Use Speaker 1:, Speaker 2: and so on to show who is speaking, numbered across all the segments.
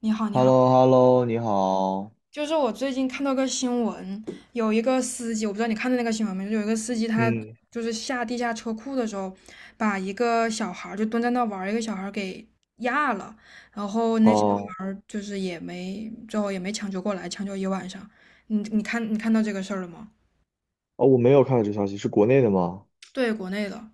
Speaker 1: 你好，你
Speaker 2: h e l l
Speaker 1: 好，
Speaker 2: o h e l l o 你好。
Speaker 1: 就是我最近看到个新闻，有一个司机，我不知道你看到那个新闻没，就有一个司机他
Speaker 2: 嗯，
Speaker 1: 就是下地下车库的时候，把一个小孩儿就蹲在那玩儿，一个小孩儿给压了，然后那小
Speaker 2: 哦，
Speaker 1: 孩儿就是也没最后也没抢救过来，抢救一晚上。你看到这个事儿了吗？
Speaker 2: 哦，我没有看到这个消息，是国内的吗？
Speaker 1: 对，国内的。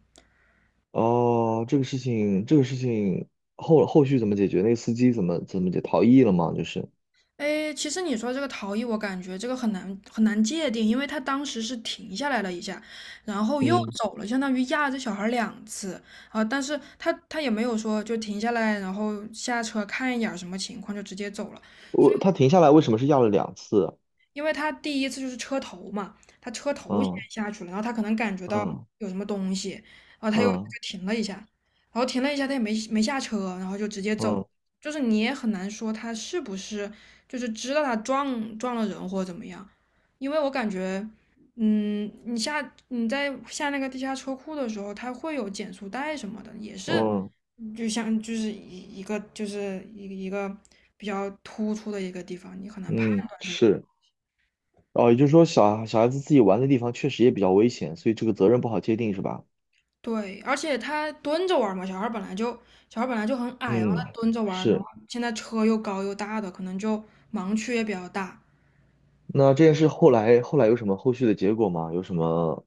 Speaker 2: 哦，这个事情，这个事情后续怎么解决？那个司机怎么逃逸了吗？就是，
Speaker 1: 哎，其实你说这个逃逸，我感觉这个很难界定，因为他当时是停下来了一下，然后又
Speaker 2: 嗯，
Speaker 1: 走了，相当于压着小孩儿两次啊。但是他也没有说就停下来，然后下车看一眼儿什么情况就直接走了。
Speaker 2: 我他停下来为什么是要了两次？
Speaker 1: 因为他第一次就是车头嘛，他车头先
Speaker 2: 嗯
Speaker 1: 下去了，然后他可能感觉到
Speaker 2: 嗯
Speaker 1: 有什么东西，然后他又就
Speaker 2: 嗯
Speaker 1: 停了一下，然后停了一下，他也没下车，然后就直接走，
Speaker 2: 嗯
Speaker 1: 就是你也很难说他是不是就是知道他撞了人或者怎么样，因为我感觉，你下你在下那个地下车库的时候，它会有减速带什么的，也是
Speaker 2: 嗯
Speaker 1: 就像就是一个就是一个比较突出的一个地方，你很难判。
Speaker 2: 嗯，是。哦，也就是说小，小孩子自己玩的地方确实也比较危险，所以这个责任不好界定，是吧？
Speaker 1: 对，而且他蹲着玩儿嘛，小孩儿本来就很矮啊，然后他
Speaker 2: 嗯，
Speaker 1: 蹲着玩儿，然后
Speaker 2: 是。
Speaker 1: 现在车又高又大的，可能就盲区也比较大。
Speaker 2: 那这件事后来有什么后续的结果吗？有什么？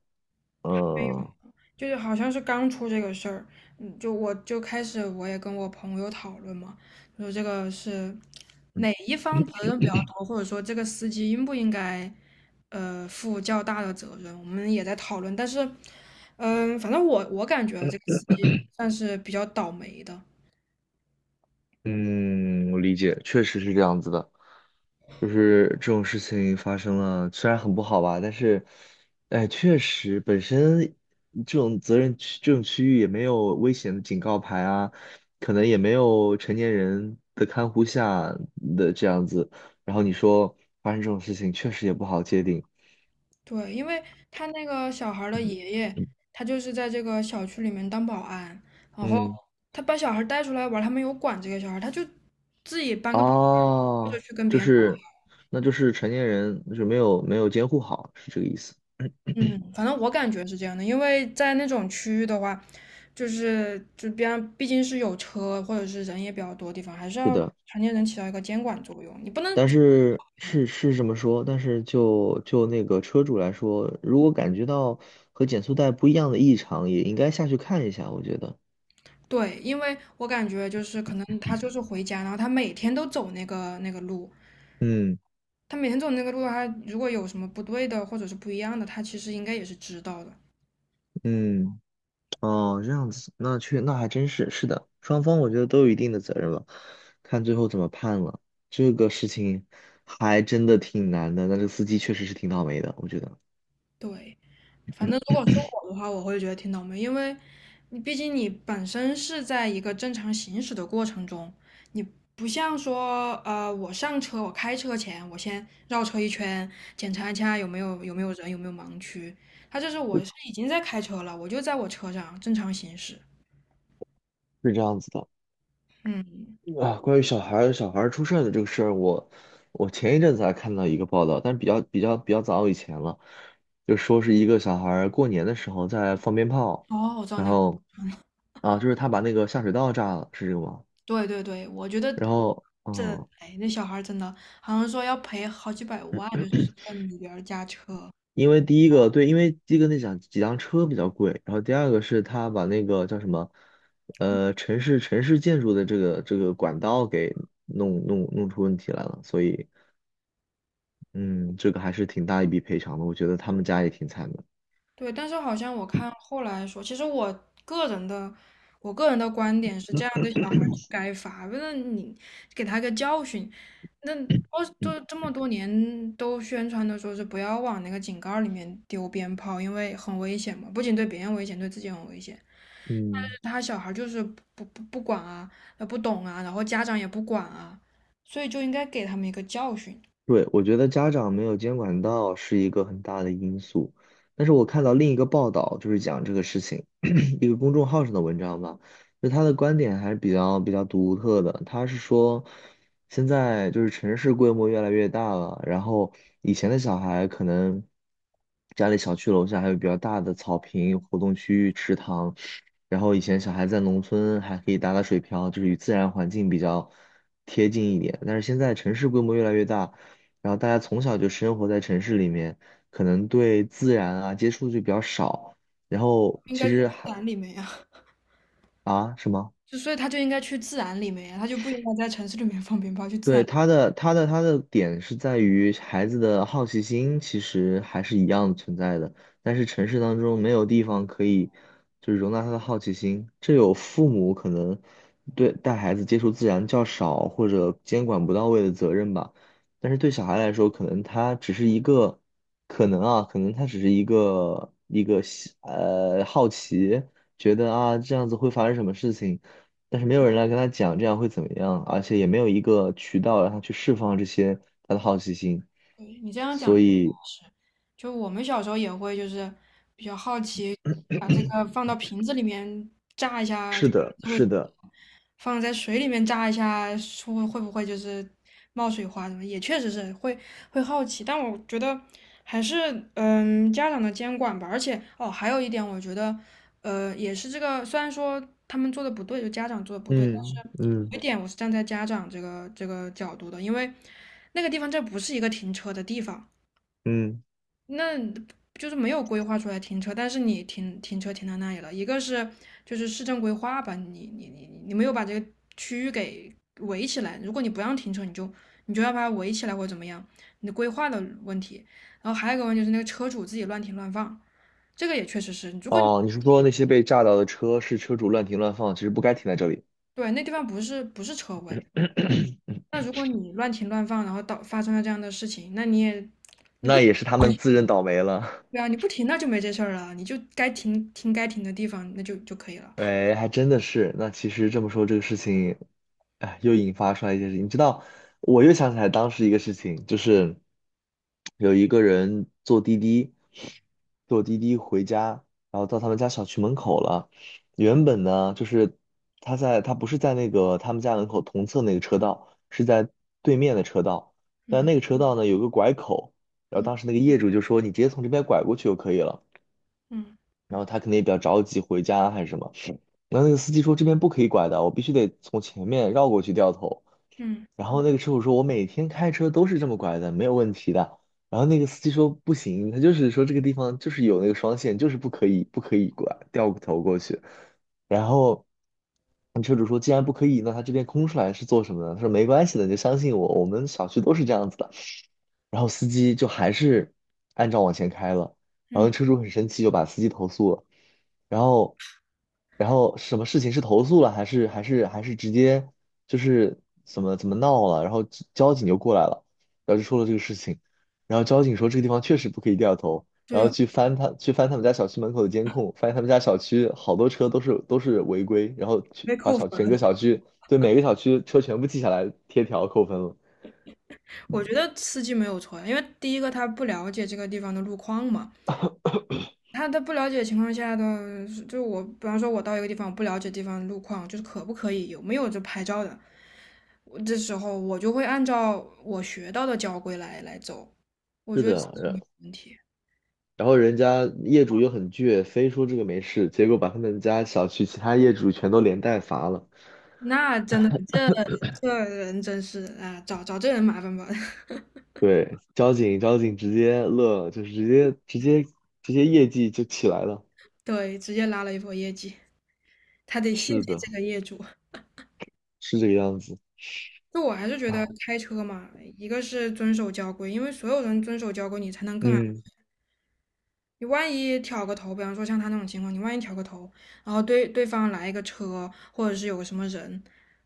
Speaker 2: 呃
Speaker 1: 就是好像是刚出这个事儿，嗯，就我就开始我也跟我朋友讨论嘛，说这个是哪
Speaker 2: 嗯。
Speaker 1: 一方责任比较多，或者说这个司机应不应该负较大的责任，我们也在讨论。但是，反正我感觉这个司机算是比较倒霉的。
Speaker 2: 嗯，我理解，确实是这样子的，就是这种事情发生了，虽然很不好吧，但是，哎，确实本身这种责任区这种区域也没有危险的警告牌啊，可能也没有成年人的看护下的这样子，然后你说发生这种事情，确实也不好界定。
Speaker 1: 对，因为他那个小孩儿的
Speaker 2: 嗯。
Speaker 1: 爷爷，
Speaker 2: 嗯。
Speaker 1: 他就是在这个小区里面当保安，然后
Speaker 2: 嗯
Speaker 1: 他把小孩儿带出来玩儿他没有管这个小孩儿他就自己搬个板凳就
Speaker 2: 哦，
Speaker 1: 去跟
Speaker 2: 就
Speaker 1: 别人聊。
Speaker 2: 是，那就是成年人就是没有监护好，是这个意思。
Speaker 1: 嗯，反正我感觉是这样的，因为在那种区域的话，就是就边上毕竟是有车或者是人也比较多的地方，还是
Speaker 2: 是
Speaker 1: 要
Speaker 2: 的，
Speaker 1: 成年人起到一个监管作用，你不能。
Speaker 2: 但是这么说，但是就那个车主来说，如果感觉到和减速带不一样的异常，也应该下去看一下，我觉得。
Speaker 1: 对，因为我感觉就是可能他就是回家，然后他每天都走那个路，
Speaker 2: 嗯。
Speaker 1: 他每天走那个路的话，他如果有什么不对的或者是不一样的，他其实应该也是知道的。
Speaker 2: 嗯，哦，这样子，那还真是是的，双方我觉得都有一定的责任吧，看最后怎么判了。这个事情还真的挺难的，那这个司机确实是挺倒霉的，我觉得
Speaker 1: 对，反正如果是我的话，我会觉得挺倒霉，因为你毕竟你本身是在一个正常行驶的过程中，不像说我上车我开车前我先绕车一圈，检查一下有没有人有没有盲区，他这是我是已经在开车了，我就在我车上正常行驶。
Speaker 2: 是这样子的。
Speaker 1: 嗯，
Speaker 2: 啊，关于小孩儿出事儿的这个事儿，我前一阵子还看到一个报道，但是比较早以前了，就说是一个小孩儿过年的时候在放鞭炮，
Speaker 1: 哦，我知道
Speaker 2: 然
Speaker 1: 那个。
Speaker 2: 后啊，就是他把那个下水道炸了，是这个吗？
Speaker 1: 对对对，我觉得
Speaker 2: 然后
Speaker 1: 这，
Speaker 2: 嗯，
Speaker 1: 哎，那小孩儿真的好像说要赔好几百万，就是算里边儿加车。
Speaker 2: 因为第一个对，因为第一个那辆几辆车比较贵，然后第二个是他把那个叫什么城市建筑的这个管道给弄出问题来了，所以。嗯，这个还是挺大一笔赔偿的，我觉得他们家也挺惨的。
Speaker 1: 对，但是好像我看后来说，其实我个人的，我个人的观点是，这样的小孩儿就该罚，为了你给他个教训。那我
Speaker 2: 嗯。
Speaker 1: 都这么多年都宣传的说是不要往那个井盖儿里面丢鞭炮，因为很危险嘛，不仅对别人危险，对自己很危险。
Speaker 2: 嗯。
Speaker 1: 他小孩就是不管啊，不懂啊，然后家长也不管啊，所以就应该给他们一个教训，
Speaker 2: 对，我觉得家长没有监管到是一个很大的因素，但是我看到另一个报道，就是讲这个事情，一个公众号上的文章吧，就他的观点还是比较独特的。他是说，现在就是城市规模越来越大了，然后以前的小孩可能家里小区楼下还有比较大的草坪、活动区域、池塘，然后以前小孩在农村还可以打打水漂，就是与自然环境比较贴近一点，但是现在城市规模越来越大。然后大家从小就生活在城市里面，可能对自然啊接触就比较少。然后
Speaker 1: 应
Speaker 2: 其
Speaker 1: 该去
Speaker 2: 实
Speaker 1: 自
Speaker 2: 还
Speaker 1: 然里面呀、
Speaker 2: 啊什么？
Speaker 1: 就所以他就应该去自然里面呀、他就不应该在城市里面放鞭炮，去自然。
Speaker 2: 对，他的点是在于孩子的好奇心其实还是一样的存在的，但是城市当中没有地方可以就是容纳他的好奇心，这有父母可能对带孩子接触自然较少或者监管不到位的责任吧，但是对小孩来说，可能他只是一个可能啊，可能他只是一个好奇，觉得啊这样子会发生什么事情。但是没有人来跟他讲这样会怎么样，而且也没有一个渠道让他去释放这些他的好奇心，
Speaker 1: 对，你这样讲
Speaker 2: 所以
Speaker 1: 是，就我们小时候也会就是比较好奇，把这个放到瓶子里面炸一下，
Speaker 2: 是
Speaker 1: 就瓶
Speaker 2: 的，
Speaker 1: 子会
Speaker 2: 是
Speaker 1: 怎么
Speaker 2: 的，
Speaker 1: 样放在水里面炸一下，会不会就是冒水花什么？也确实是会好奇，但我觉得还是家长的监管吧。而且哦，还有一点，我觉得也是这个，虽然说他们做的不对，就家长做的不对。
Speaker 2: 嗯。嗯。
Speaker 1: 有一点我是站在家长这个角度的，因为那个地方这不是一个停车的地方，
Speaker 2: 嗯，
Speaker 1: 那就是没有规划出来停车，但是你停车停到那里了，一个是就是市政规划吧，你没有把这个区域给围起来，如果你不让停车，你就要把它围起来或者怎么样，你的规划的问题，然后还有一个问题就是那个车主自己乱停乱放，这个也确实是，如果你
Speaker 2: 哦，你是说那些被炸到的车是车主乱停乱放，其实不该停在这里，
Speaker 1: 对那地方不是车位。那如果你乱停乱放，然后到发生了这样的事情，那你也
Speaker 2: 那也是他们自认倒霉了。
Speaker 1: 对啊，你不停那就没这事儿了，你就该停该停的地方，那就就可以了。
Speaker 2: 喂，还真的是。那其实这么说，这个事情，哎，又引发出来一件事情。你知道，我又想起来当时一个事情，就是有一个人坐滴滴，坐滴滴回家，然后到他们家小区门口了。原本呢，就是他在他不是在那个他们家门口同侧那个车道，是在对面的车道。但
Speaker 1: 嗯
Speaker 2: 那个车道呢，有个拐口，然后
Speaker 1: 嗯
Speaker 2: 当时那个业主就说：“你直接从这边拐过去就可以了。”
Speaker 1: 嗯
Speaker 2: 然后他可能也比较着急回家还是什么。然后那个司机说这边不可以拐的，我必须得从前面绕过去掉头。
Speaker 1: 嗯
Speaker 2: 然后那个车主说，我每天开车都是这么拐的，没有问题的。然后那个司机说不行，他就是说这个地方就是有那个双线，就是不可以拐掉头过去。然后那车主说，既然不可以，那他这边空出来是做什么呢？他说没关系的，你就相信我，我们小区都是这样子的。然后司机就还是按照往前开了，然后
Speaker 1: 嗯，
Speaker 2: 车主很生气，就把司机投诉了，然后，然后什么事情是投诉了，还是直接就是怎么闹了，然后交警就过来了，然后就说了这个事情，然后交警说这个地方确实不可以掉头，然
Speaker 1: 对
Speaker 2: 后
Speaker 1: 啊，
Speaker 2: 去翻他去翻他们家小区门口的监控，发现他们家小区好多车都是违规，然后去
Speaker 1: 被
Speaker 2: 把
Speaker 1: 扣
Speaker 2: 小
Speaker 1: 分
Speaker 2: 整
Speaker 1: 了。
Speaker 2: 个小区对每个小区车全部记下来贴条扣分了。
Speaker 1: 我觉得司机没有错呀因为第一个他不了解这个地方的路况嘛，他不了解情况下的，就我比方说我到一个地方，我不了解地方路况，就是可不可以有没有这拍照的，我这时候我就会按照我学到的交规来走，我
Speaker 2: 是
Speaker 1: 觉得司机没
Speaker 2: 的，
Speaker 1: 有问题。
Speaker 2: 然后人家业主又很倔，非说这个没事，结果把他们家小区其他业主全都连带罚了。
Speaker 1: 那真的，这这人真是啊，找这人麻烦吧。
Speaker 2: 对，交警直接乐了，就是直接业绩就起来了。
Speaker 1: 对，直接拉了一波业绩，他得谢谢
Speaker 2: 是的，
Speaker 1: 这个业主。
Speaker 2: 是这个样子。
Speaker 1: 就我还是觉得
Speaker 2: 唉，
Speaker 1: 开车嘛，一个是遵守交规，因为所有人遵守交规，你才能更安。
Speaker 2: 嗯，
Speaker 1: 你万一挑个头，比方说像他那种情况，你万一挑个头，然后对对方来一个车，或者是有个什么人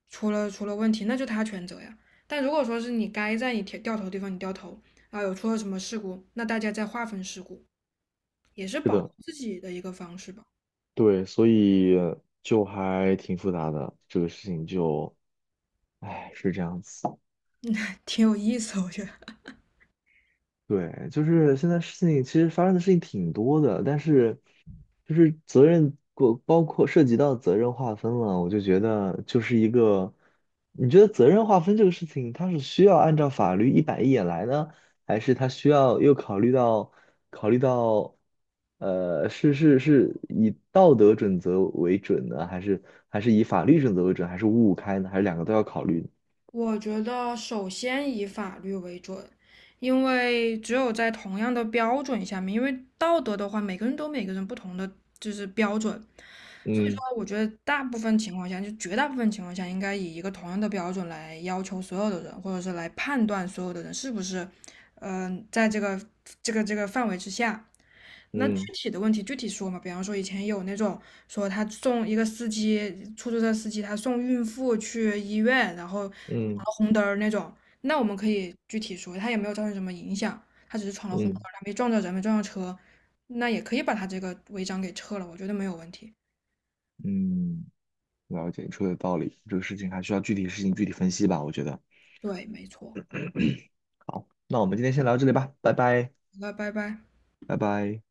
Speaker 1: 出了问题，那就他全责呀。但如果说是你该在你调掉头的地方你掉头，然后有出了什么事故，那大家再划分事故，也是
Speaker 2: 是
Speaker 1: 保护
Speaker 2: 的，
Speaker 1: 自己的一个方式吧，
Speaker 2: 对，所以就还挺复杂的，这个事情就，唉，是这样子。
Speaker 1: 挺有意思，我觉得。
Speaker 2: 对，就是现在事情其实发生的事情挺多的，但是就是责任过包括涉及到责任划分了，我就觉得就是一个，你觉得责任划分这个事情，它是需要按照法律一板一眼来呢，还是它需要又考虑到考虑到,是以道德准则为准呢，还是还是以法律准则为准，还是五五开呢，还是两个都要考虑呢？
Speaker 1: 我觉得首先以法律为准，因为只有在同样的标准下面，因为道德的话，每个人都有每个人不同的就是标准，所以说
Speaker 2: 嗯。
Speaker 1: 我觉得大部分情况下，就绝大部分情况下，应该以一个同样的标准来要求所有的人，或者是来判断所有的人是不是，在这个这个范围之下。那
Speaker 2: 嗯。
Speaker 1: 具体的问题具体说嘛，比方说以前有那种说他送一个司机，出租车司机他送孕妇去医院，然后闯
Speaker 2: 嗯。
Speaker 1: 了红灯儿那种，那我们可以具体说，他也没有造成什么影响，他只是闯了红灯
Speaker 2: 嗯。
Speaker 1: 儿他没撞着人，没撞着车，那也可以把他这个违章给撤了，我觉得没有问题。
Speaker 2: 嗯。了解，你说的有道理，这个事情还需要具体事情具体分析吧，我觉得。
Speaker 1: 对，没错。
Speaker 2: 那我们今天先聊到这里吧，拜拜，
Speaker 1: 好了，拜拜。
Speaker 2: 拜拜。